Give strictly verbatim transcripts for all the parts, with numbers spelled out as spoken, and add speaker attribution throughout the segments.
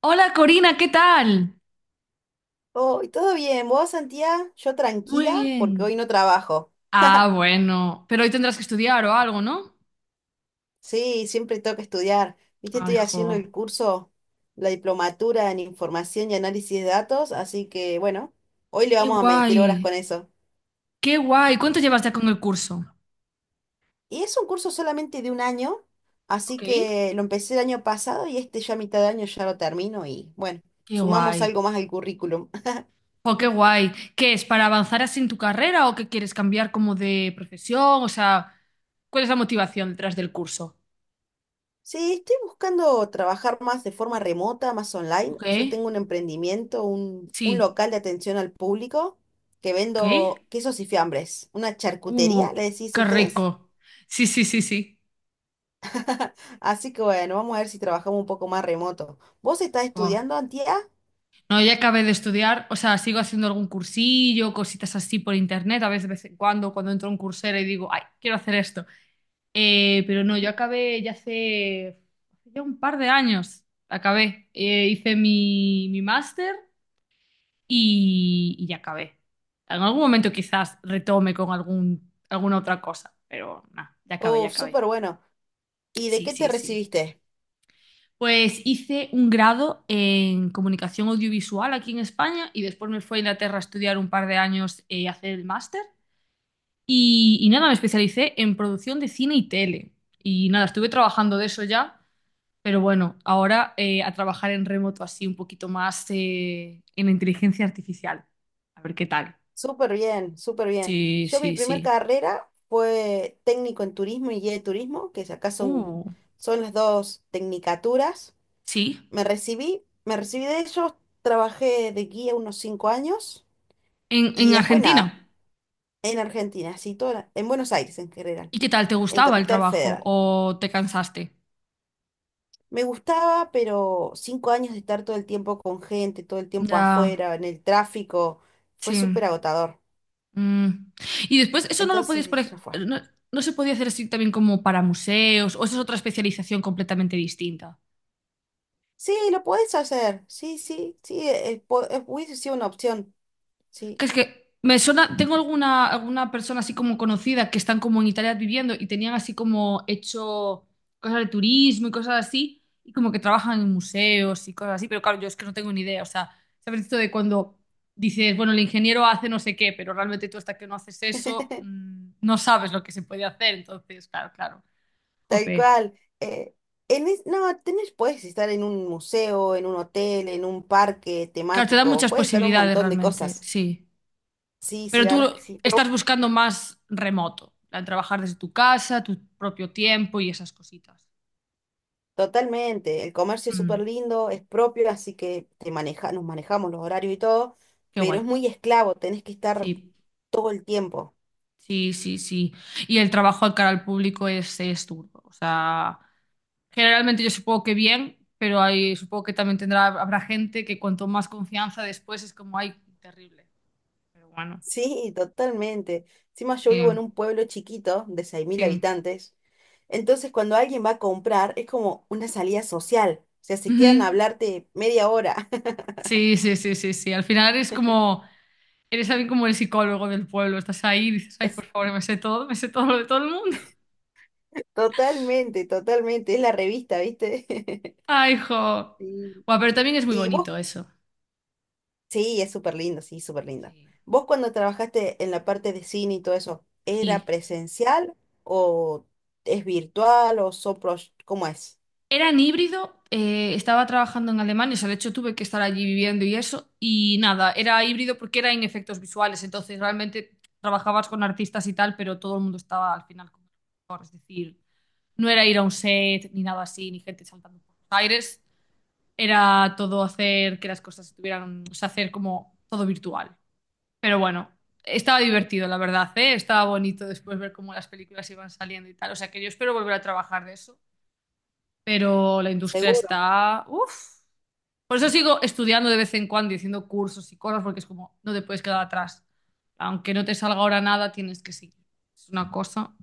Speaker 1: Hola Corina, ¿qué tal?
Speaker 2: Hoy todo bien, ¿vos, Santiago? Yo
Speaker 1: Muy
Speaker 2: tranquila porque hoy
Speaker 1: bien.
Speaker 2: no trabajo.
Speaker 1: Ah, bueno, pero hoy tendrás que estudiar o algo, ¿no?
Speaker 2: Sí, siempre tengo que estudiar. Viste,
Speaker 1: Ay,
Speaker 2: estoy
Speaker 1: jo.
Speaker 2: haciendo el curso, la diplomatura en información y análisis de datos, así que bueno, hoy le
Speaker 1: Qué
Speaker 2: vamos a meter horas
Speaker 1: guay,
Speaker 2: con eso.
Speaker 1: qué guay. ¿Cuánto llevas ya con el curso?
Speaker 2: Y es un curso solamente de un año, así
Speaker 1: Ok.
Speaker 2: que lo empecé el año pasado y este ya a mitad de año ya lo termino y bueno,
Speaker 1: Qué
Speaker 2: sumamos
Speaker 1: guay.
Speaker 2: algo más al currículum.
Speaker 1: Jo, qué guay. ¿Qué es, para avanzar así en tu carrera o que quieres cambiar como de profesión? O sea, ¿cuál es la motivación detrás del curso?
Speaker 2: Sí, estoy buscando trabajar más de forma remota, más online.
Speaker 1: Ok,
Speaker 2: Yo tengo un emprendimiento, un, un
Speaker 1: sí,
Speaker 2: local de atención al público que
Speaker 1: ok.
Speaker 2: vendo quesos y fiambres, una charcutería, le
Speaker 1: Uh,
Speaker 2: decís a
Speaker 1: qué
Speaker 2: ustedes.
Speaker 1: rico. Sí, sí, sí, sí.
Speaker 2: Así que bueno, vamos a ver si trabajamos un poco más remoto. ¿Vos estás
Speaker 1: Jo.
Speaker 2: estudiando, Antía?
Speaker 1: No, ya acabé de estudiar, o sea, sigo haciendo algún cursillo, cositas así por internet, a veces de vez en cuando, cuando entro a un cursero y digo, ay, quiero hacer esto. Eh, pero no, yo acabé ya hace, hace ya un par de años, acabé. Eh, hice mi, mi máster y, y ya acabé. En algún momento quizás retome con algún, alguna otra cosa, pero nada, ya acabé, ya
Speaker 2: Oh,
Speaker 1: acabé.
Speaker 2: súper bueno. ¿Y de
Speaker 1: Sí,
Speaker 2: qué te
Speaker 1: sí, sí.
Speaker 2: recibiste?
Speaker 1: Pues hice un grado en comunicación audiovisual aquí en España y después me fui a Inglaterra a estudiar un par de años eh, y hacer el máster. Y, y nada, me especialicé en producción de cine y tele. Y nada, estuve trabajando de eso ya, pero bueno, ahora eh, a trabajar en remoto así un poquito más eh, en inteligencia artificial. A ver qué tal.
Speaker 2: Súper bien, súper bien.
Speaker 1: Sí,
Speaker 2: Yo mi
Speaker 1: sí,
Speaker 2: primer
Speaker 1: sí.
Speaker 2: carrera fue técnico en turismo y guía de turismo, que acá son,
Speaker 1: Uh,
Speaker 2: son las dos tecnicaturas.
Speaker 1: sí.
Speaker 2: Me recibí, me recibí de ellos, trabajé de guía unos cinco años
Speaker 1: En,
Speaker 2: y
Speaker 1: en
Speaker 2: después nada,
Speaker 1: Argentina.
Speaker 2: en Argentina, así toda la- en Buenos Aires en general,
Speaker 1: ¿Y qué tal? ¿Te
Speaker 2: en
Speaker 1: gustaba el
Speaker 2: Capital
Speaker 1: trabajo
Speaker 2: Federal.
Speaker 1: o te cansaste?
Speaker 2: Me gustaba, pero cinco años de estar todo el tiempo con gente, todo el tiempo
Speaker 1: Ya,
Speaker 2: afuera, en el tráfico, fue
Speaker 1: sí.
Speaker 2: súper agotador.
Speaker 1: Mm. Y después, eso no lo
Speaker 2: Entonces
Speaker 1: podías, por
Speaker 2: dije,
Speaker 1: ej-
Speaker 2: ya fue.
Speaker 1: no, no se podía hacer así también como para museos, o esa es otra especialización completamente distinta.
Speaker 2: Sí, lo podés hacer, sí, sí, sí, eh, po- eh, hubiese sido una opción,
Speaker 1: Que
Speaker 2: sí.
Speaker 1: es que me suena, tengo alguna, alguna persona así como conocida que están como en Italia viviendo y tenían así como hecho cosas de turismo y cosas así, y como que trabajan en museos y cosas así, pero claro, yo es que no tengo ni idea, o sea, sabes esto de cuando dices, bueno, el ingeniero hace no sé qué, pero realmente tú hasta que no haces eso, mm, no sabes lo que se puede hacer, entonces, claro, claro.
Speaker 2: Tal
Speaker 1: Jope.
Speaker 2: cual. eh, en es- no, tenés, puedes estar en un museo, en un hotel, en un parque
Speaker 1: Claro, te da
Speaker 2: temático,
Speaker 1: muchas
Speaker 2: puedes estar un
Speaker 1: posibilidades
Speaker 2: montón de
Speaker 1: realmente,
Speaker 2: cosas.
Speaker 1: sí.
Speaker 2: Sí, sí,
Speaker 1: Pero
Speaker 2: la
Speaker 1: tú
Speaker 2: verdad es que sí, pero
Speaker 1: estás buscando más remoto, al trabajar desde tu casa, tu propio tiempo y esas cositas.
Speaker 2: totalmente. El comercio es súper
Speaker 1: Mm,
Speaker 2: lindo, es propio, así que te maneja, nos manejamos los horarios y todo,
Speaker 1: qué
Speaker 2: pero
Speaker 1: guay.
Speaker 2: es muy esclavo, tenés que estar
Speaker 1: Sí,
Speaker 2: todo el tiempo.
Speaker 1: sí, sí, sí. Y el trabajo al cara al público es, es duro. O sea, generalmente yo supongo que bien, pero hay, supongo que también tendrá, habrá gente que cuanto más confianza después es como, ay, terrible. Pero bueno,
Speaker 2: Sí, totalmente. Encima yo vivo en
Speaker 1: sí,
Speaker 2: un pueblo chiquito de seis mil
Speaker 1: sí.
Speaker 2: habitantes. Entonces cuando alguien va a comprar es como una salida social. O sea, se quedan a
Speaker 1: Ujú.
Speaker 2: hablarte media hora.
Speaker 1: Sí, sí, sí, sí, sí. Al final es como. Eres también como el psicólogo del pueblo. Estás ahí y dices, ay,
Speaker 2: Es-
Speaker 1: por favor, me sé todo, me sé todo lo de todo el mundo.
Speaker 2: Totalmente, totalmente. Es la revista, ¿viste?
Speaker 1: Ay, jo.
Speaker 2: Sí.
Speaker 1: Buah, pero también es muy
Speaker 2: Y vos,
Speaker 1: bonito eso.
Speaker 2: sí, es súper lindo, sí, súper lindo.
Speaker 1: Sí.
Speaker 2: Vos cuando trabajaste en la parte de cine y todo eso, ¿era
Speaker 1: Sí.
Speaker 2: presencial o es virtual o son pro- ¿Cómo es?
Speaker 1: Era en híbrido, eh, estaba trabajando en Alemania, o sea, de hecho tuve que estar allí viviendo y eso. Y nada, era híbrido porque era en efectos visuales. Entonces, realmente trabajabas con artistas y tal, pero todo el mundo estaba al final como mejor. Es decir, no era ir a un set, ni nada así, ni gente saltando por los aires. Era todo hacer que las cosas estuvieran o sea, hacer como todo virtual. Pero bueno, estaba divertido, la verdad, ¿eh? Estaba bonito después ver cómo las películas iban saliendo y tal. O sea, que yo espero volver a trabajar de eso. Pero la industria
Speaker 2: Seguro.
Speaker 1: está. Uf. Por eso sigo estudiando de vez en cuando y haciendo cursos y cosas, porque es como, no te puedes quedar atrás. Aunque no te salga ahora nada, tienes que seguir. Es una cosa,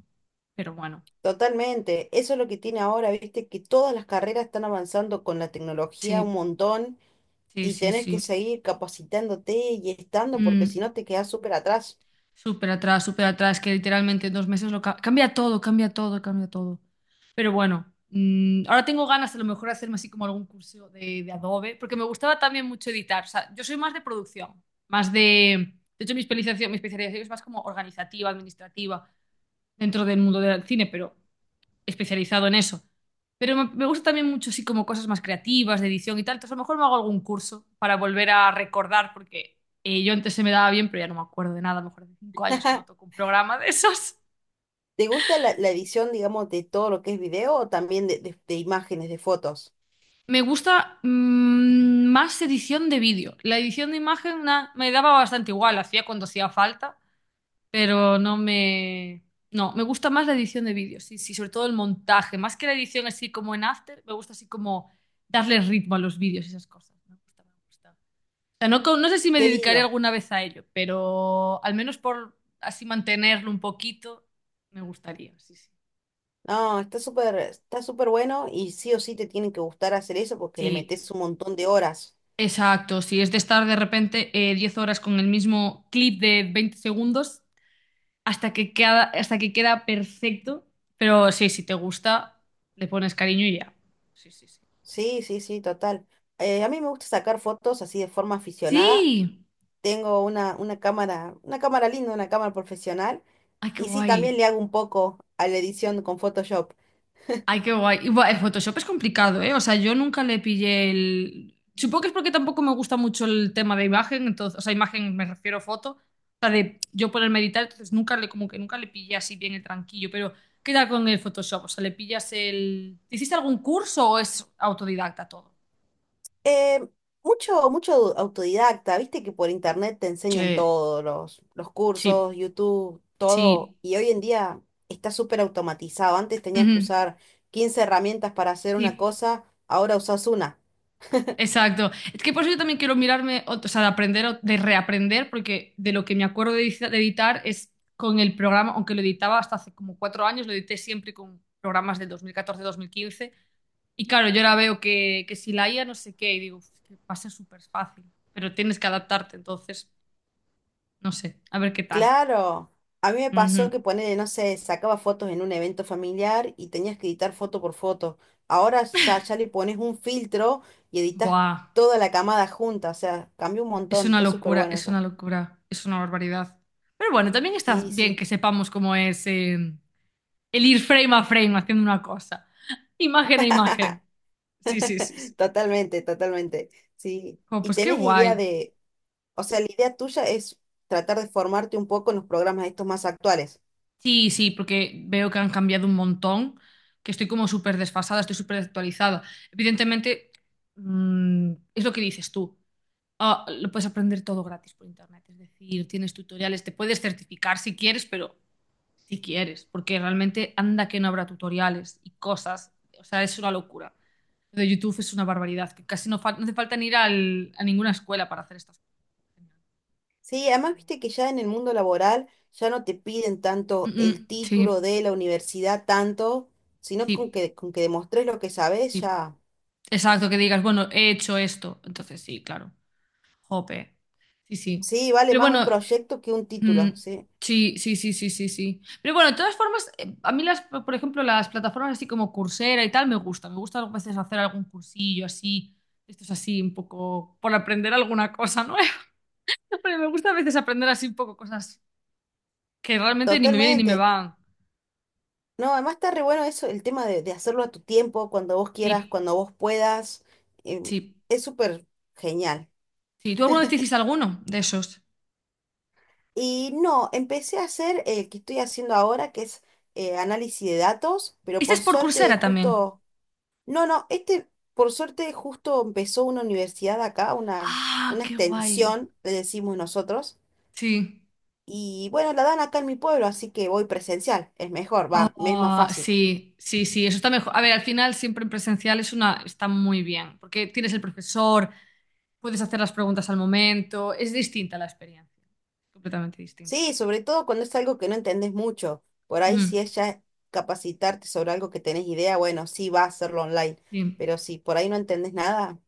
Speaker 1: pero bueno.
Speaker 2: Totalmente, eso es lo que tiene ahora, viste, que todas las carreras están avanzando con la tecnología un
Speaker 1: Sí,
Speaker 2: montón
Speaker 1: sí,
Speaker 2: y
Speaker 1: sí,
Speaker 2: tenés que
Speaker 1: sí.
Speaker 2: seguir capacitándote y estando porque si
Speaker 1: Mm.
Speaker 2: no te quedás súper atrás.
Speaker 1: Súper atrás, súper atrás, que literalmente en dos meses lo ca- cambia todo, cambia todo, cambia todo. Pero bueno, mm, ahora tengo ganas a lo mejor de hacerme así como algún curso de, de Adobe, porque me gustaba también mucho editar. O sea, yo soy más de producción, más de... De hecho, mi especialización, mi especialización es más como organizativa, administrativa, dentro del mundo del cine, pero especializado en eso. Pero me, me gusta también mucho, sí, como cosas más creativas, de edición y tal. Entonces, a lo mejor me hago algún curso para volver a recordar, porque eh, yo antes se me daba bien, pero ya no me acuerdo de nada. A lo mejor de cinco años que no toco un programa de esos.
Speaker 2: ¿Te gusta la, la edición, digamos, de todo lo que es video o también de, de- de imágenes, de fotos?
Speaker 1: Me gusta mm, más edición de vídeo. La edición de imagen na- me daba bastante igual, la hacía cuando hacía falta, pero no me. No, me gusta más la edición de vídeo, sí, sí, sobre todo el montaje. Más que la edición así como en After, me gusta así como darle ritmo a los vídeos y esas cosas. ¿No? Me gusta, me gusta. Sea, no, co- no sé si me
Speaker 2: Qué
Speaker 1: dedicaré
Speaker 2: lindo.
Speaker 1: alguna vez a ello, pero al menos por así mantenerlo un poquito, me gustaría, sí, sí.
Speaker 2: No, está súper, está súper bueno y sí o sí te tienen que gustar hacer eso porque
Speaker 1: Sí,
Speaker 2: le
Speaker 1: sí,
Speaker 2: metes un montón de horas.
Speaker 1: exacto. Si es de estar de repente eh, diez horas con el mismo clip de veinte segundos hasta que queda, hasta que queda perfecto. Pero sí, si te gusta, le pones cariño y ya. Sí, sí, sí.
Speaker 2: Sí, sí, sí, total. Eh, a mí me gusta sacar fotos así de forma aficionada
Speaker 1: Sí.
Speaker 2: tengo una, una cámara, una cámara linda, una cámara profesional,
Speaker 1: Ay, qué
Speaker 2: y sí, también
Speaker 1: guay.
Speaker 2: le hago un poco a la edición con Photoshop.
Speaker 1: Ay, qué guay. Y, buah, el Photoshop es complicado, ¿eh? O sea, yo nunca le pillé el. Supongo que es porque tampoco me gusta mucho el tema de imagen, entonces, o sea, imagen me refiero a foto, o sea, de yo ponerme a editar, entonces nunca le, como que nunca le pillé así bien el tranquillo, pero ¿qué tal con el Photoshop? O sea, ¿le pillas el? ¿Hiciste algún curso o es autodidacta todo?
Speaker 2: Eh, mucho, mucho au- autodidacta, viste que por internet te enseñan
Speaker 1: Sí,
Speaker 2: todos los, los cursos,
Speaker 1: sí,
Speaker 2: YouTube, todo,
Speaker 1: sí.
Speaker 2: y hoy en día está súper automatizado. Antes tenías
Speaker 1: Ujú,
Speaker 2: que usar quince herramientas para hacer una
Speaker 1: sí.
Speaker 2: cosa, ahora usas una.
Speaker 1: Exacto. Es que por eso yo también quiero mirarme, ot- o sea, de aprender, o- de reaprender, porque de lo que me acuerdo de, edici- de editar es con el programa, aunque lo editaba hasta hace como cuatro años, lo edité siempre con programas del dos mil catorce-dos mil quince. Y claro, yo ahora veo que, que si la I A no sé qué, y digo, "Uf, que va a ser súper fácil, pero tienes que adaptarte, entonces, no sé, a ver qué tal.
Speaker 2: Claro, a mí me pasó
Speaker 1: Ujú.
Speaker 2: que ponele, no sé, sacaba fotos en un evento familiar y tenías que editar foto por foto. Ahora ya, ya le pones un filtro y editas
Speaker 1: Buah,
Speaker 2: toda la camada junta, o sea, cambió un
Speaker 1: es
Speaker 2: montón,
Speaker 1: una
Speaker 2: está súper
Speaker 1: locura,
Speaker 2: bueno
Speaker 1: es
Speaker 2: eso.
Speaker 1: una locura, es una barbaridad. Pero bueno, también está
Speaker 2: Sí,
Speaker 1: bien
Speaker 2: sí,
Speaker 1: que sepamos cómo es. Eh, el ir frame a frame haciendo una cosa. Imagen a imagen. Sí, sí, sí, sí.
Speaker 2: totalmente, totalmente, sí.
Speaker 1: Como,
Speaker 2: ¿Y
Speaker 1: pues qué
Speaker 2: tenés idea
Speaker 1: guay.
Speaker 2: de, o sea, la idea tuya es tratar de formarte un poco en los programas estos más actuales?
Speaker 1: Sí, sí, porque veo que han cambiado un montón, que estoy como súper desfasada, estoy súper actualizada. Evidentemente, mm, es lo que dices tú. Ah, lo puedes aprender todo gratis por internet, es decir, tienes tutoriales, te puedes certificar si quieres, pero si quieres, porque realmente anda que no habrá tutoriales y cosas, o sea, es una locura. Lo de YouTube es una barbaridad, que casi no, fal- no hace falta ni ir al- a ninguna escuela para hacer estas cosas.
Speaker 2: Sí, además viste que ya en el mundo laboral ya no te piden
Speaker 1: Mm,
Speaker 2: tanto el
Speaker 1: mm,
Speaker 2: título
Speaker 1: sí,
Speaker 2: de la universidad tanto, sino con
Speaker 1: sí,
Speaker 2: que con que demostres lo que sabes
Speaker 1: sí.
Speaker 2: ya.
Speaker 1: Exacto, que digas, bueno, he hecho esto. Entonces, sí, claro. Jope. Sí, sí.
Speaker 2: Sí, vale
Speaker 1: Pero
Speaker 2: más un
Speaker 1: bueno,
Speaker 2: proyecto que un
Speaker 1: mm,
Speaker 2: título, sí.
Speaker 1: sí, sí, sí, sí, sí, sí. Pero bueno, de todas formas, eh, a mí las, por ejemplo, las plataformas así como Coursera y tal me gusta. Me gusta a veces hacer algún cursillo así. Esto es así, un poco por aprender alguna cosa nueva. Pero me gusta a veces aprender así un poco cosas que realmente ni me vienen ni me
Speaker 2: Totalmente.
Speaker 1: van.
Speaker 2: No, además está re bueno eso, el tema de, de hacerlo a tu tiempo, cuando vos quieras,
Speaker 1: Sí,
Speaker 2: cuando vos puedas. eh,
Speaker 1: sí,
Speaker 2: es súper genial.
Speaker 1: sí. ¿Tú alguna vez te hiciste alguno de esos?
Speaker 2: Y no, empecé a hacer el que estoy haciendo ahora, que es eh, análisis de datos, pero
Speaker 1: ¿Este es
Speaker 2: por
Speaker 1: por
Speaker 2: suerte
Speaker 1: Coursera también?
Speaker 2: justo No, no, este por suerte justo empezó una universidad acá, una,
Speaker 1: Ah,
Speaker 2: una
Speaker 1: qué guay.
Speaker 2: extensión, le decimos nosotros,
Speaker 1: Sí.
Speaker 2: y bueno, la dan acá en mi pueblo, así que voy presencial, es mejor, va, me es más
Speaker 1: Ah,
Speaker 2: fácil.
Speaker 1: sí, sí, sí, eso está mejor. A ver, al final siempre en presencial es una, está muy bien, porque tienes el profesor, puedes hacer las preguntas al momento, es distinta la experiencia, completamente distinta.
Speaker 2: Sí, sobre todo cuando es algo que no entendés mucho, por ahí
Speaker 1: Ujú,
Speaker 2: si es ya capacitarte sobre algo que tenés idea, bueno, sí va a hacerlo online,
Speaker 1: sí.
Speaker 2: pero si por ahí no entendés nada,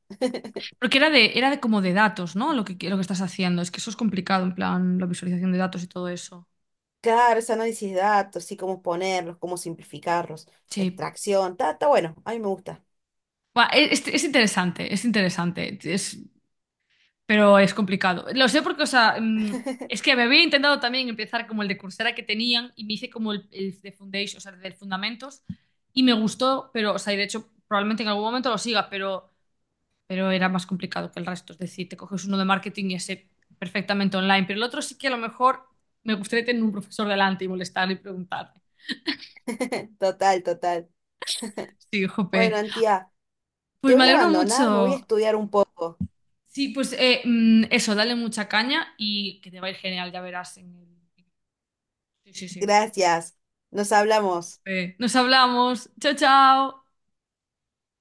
Speaker 1: Porque era de, era de como de datos, ¿no? Lo que, lo que estás haciendo, es que eso es complicado, en plan, la visualización de datos y todo eso.
Speaker 2: claro, es análisis de datos, sí, cómo ponerlos, cómo simplificarlos,
Speaker 1: Sí.
Speaker 2: extracción, está, está bueno, a mí me gusta,
Speaker 1: Buah, es, es interesante, es interesante, es- pero es complicado. Lo sé porque, o sea, mm, es que me había intentado también empezar como el de Coursera que tenían y me hice como el, el de Foundation, o sea, del Fundamentos, y me gustó, pero, o sea, y de hecho probablemente en algún momento lo siga, pero, pero, era más complicado que el resto. Es decir, te coges uno de marketing y ese perfectamente online, pero el otro sí que a lo mejor me gustaría tener un profesor delante y molestar y preguntarle.
Speaker 2: total, total.
Speaker 1: Sí,
Speaker 2: Bueno,
Speaker 1: jope.
Speaker 2: Antía.
Speaker 1: Pues
Speaker 2: Te
Speaker 1: me
Speaker 2: voy a
Speaker 1: alegro
Speaker 2: abandonar, me voy a
Speaker 1: mucho.
Speaker 2: estudiar un poco.
Speaker 1: Sí, pues eh, mm, eso, dale mucha caña y que te va a ir genial, ya verás. en el- Sí, sí, sí.
Speaker 2: Gracias. Nos hablamos.
Speaker 1: Eh, nos hablamos. Chao, chao.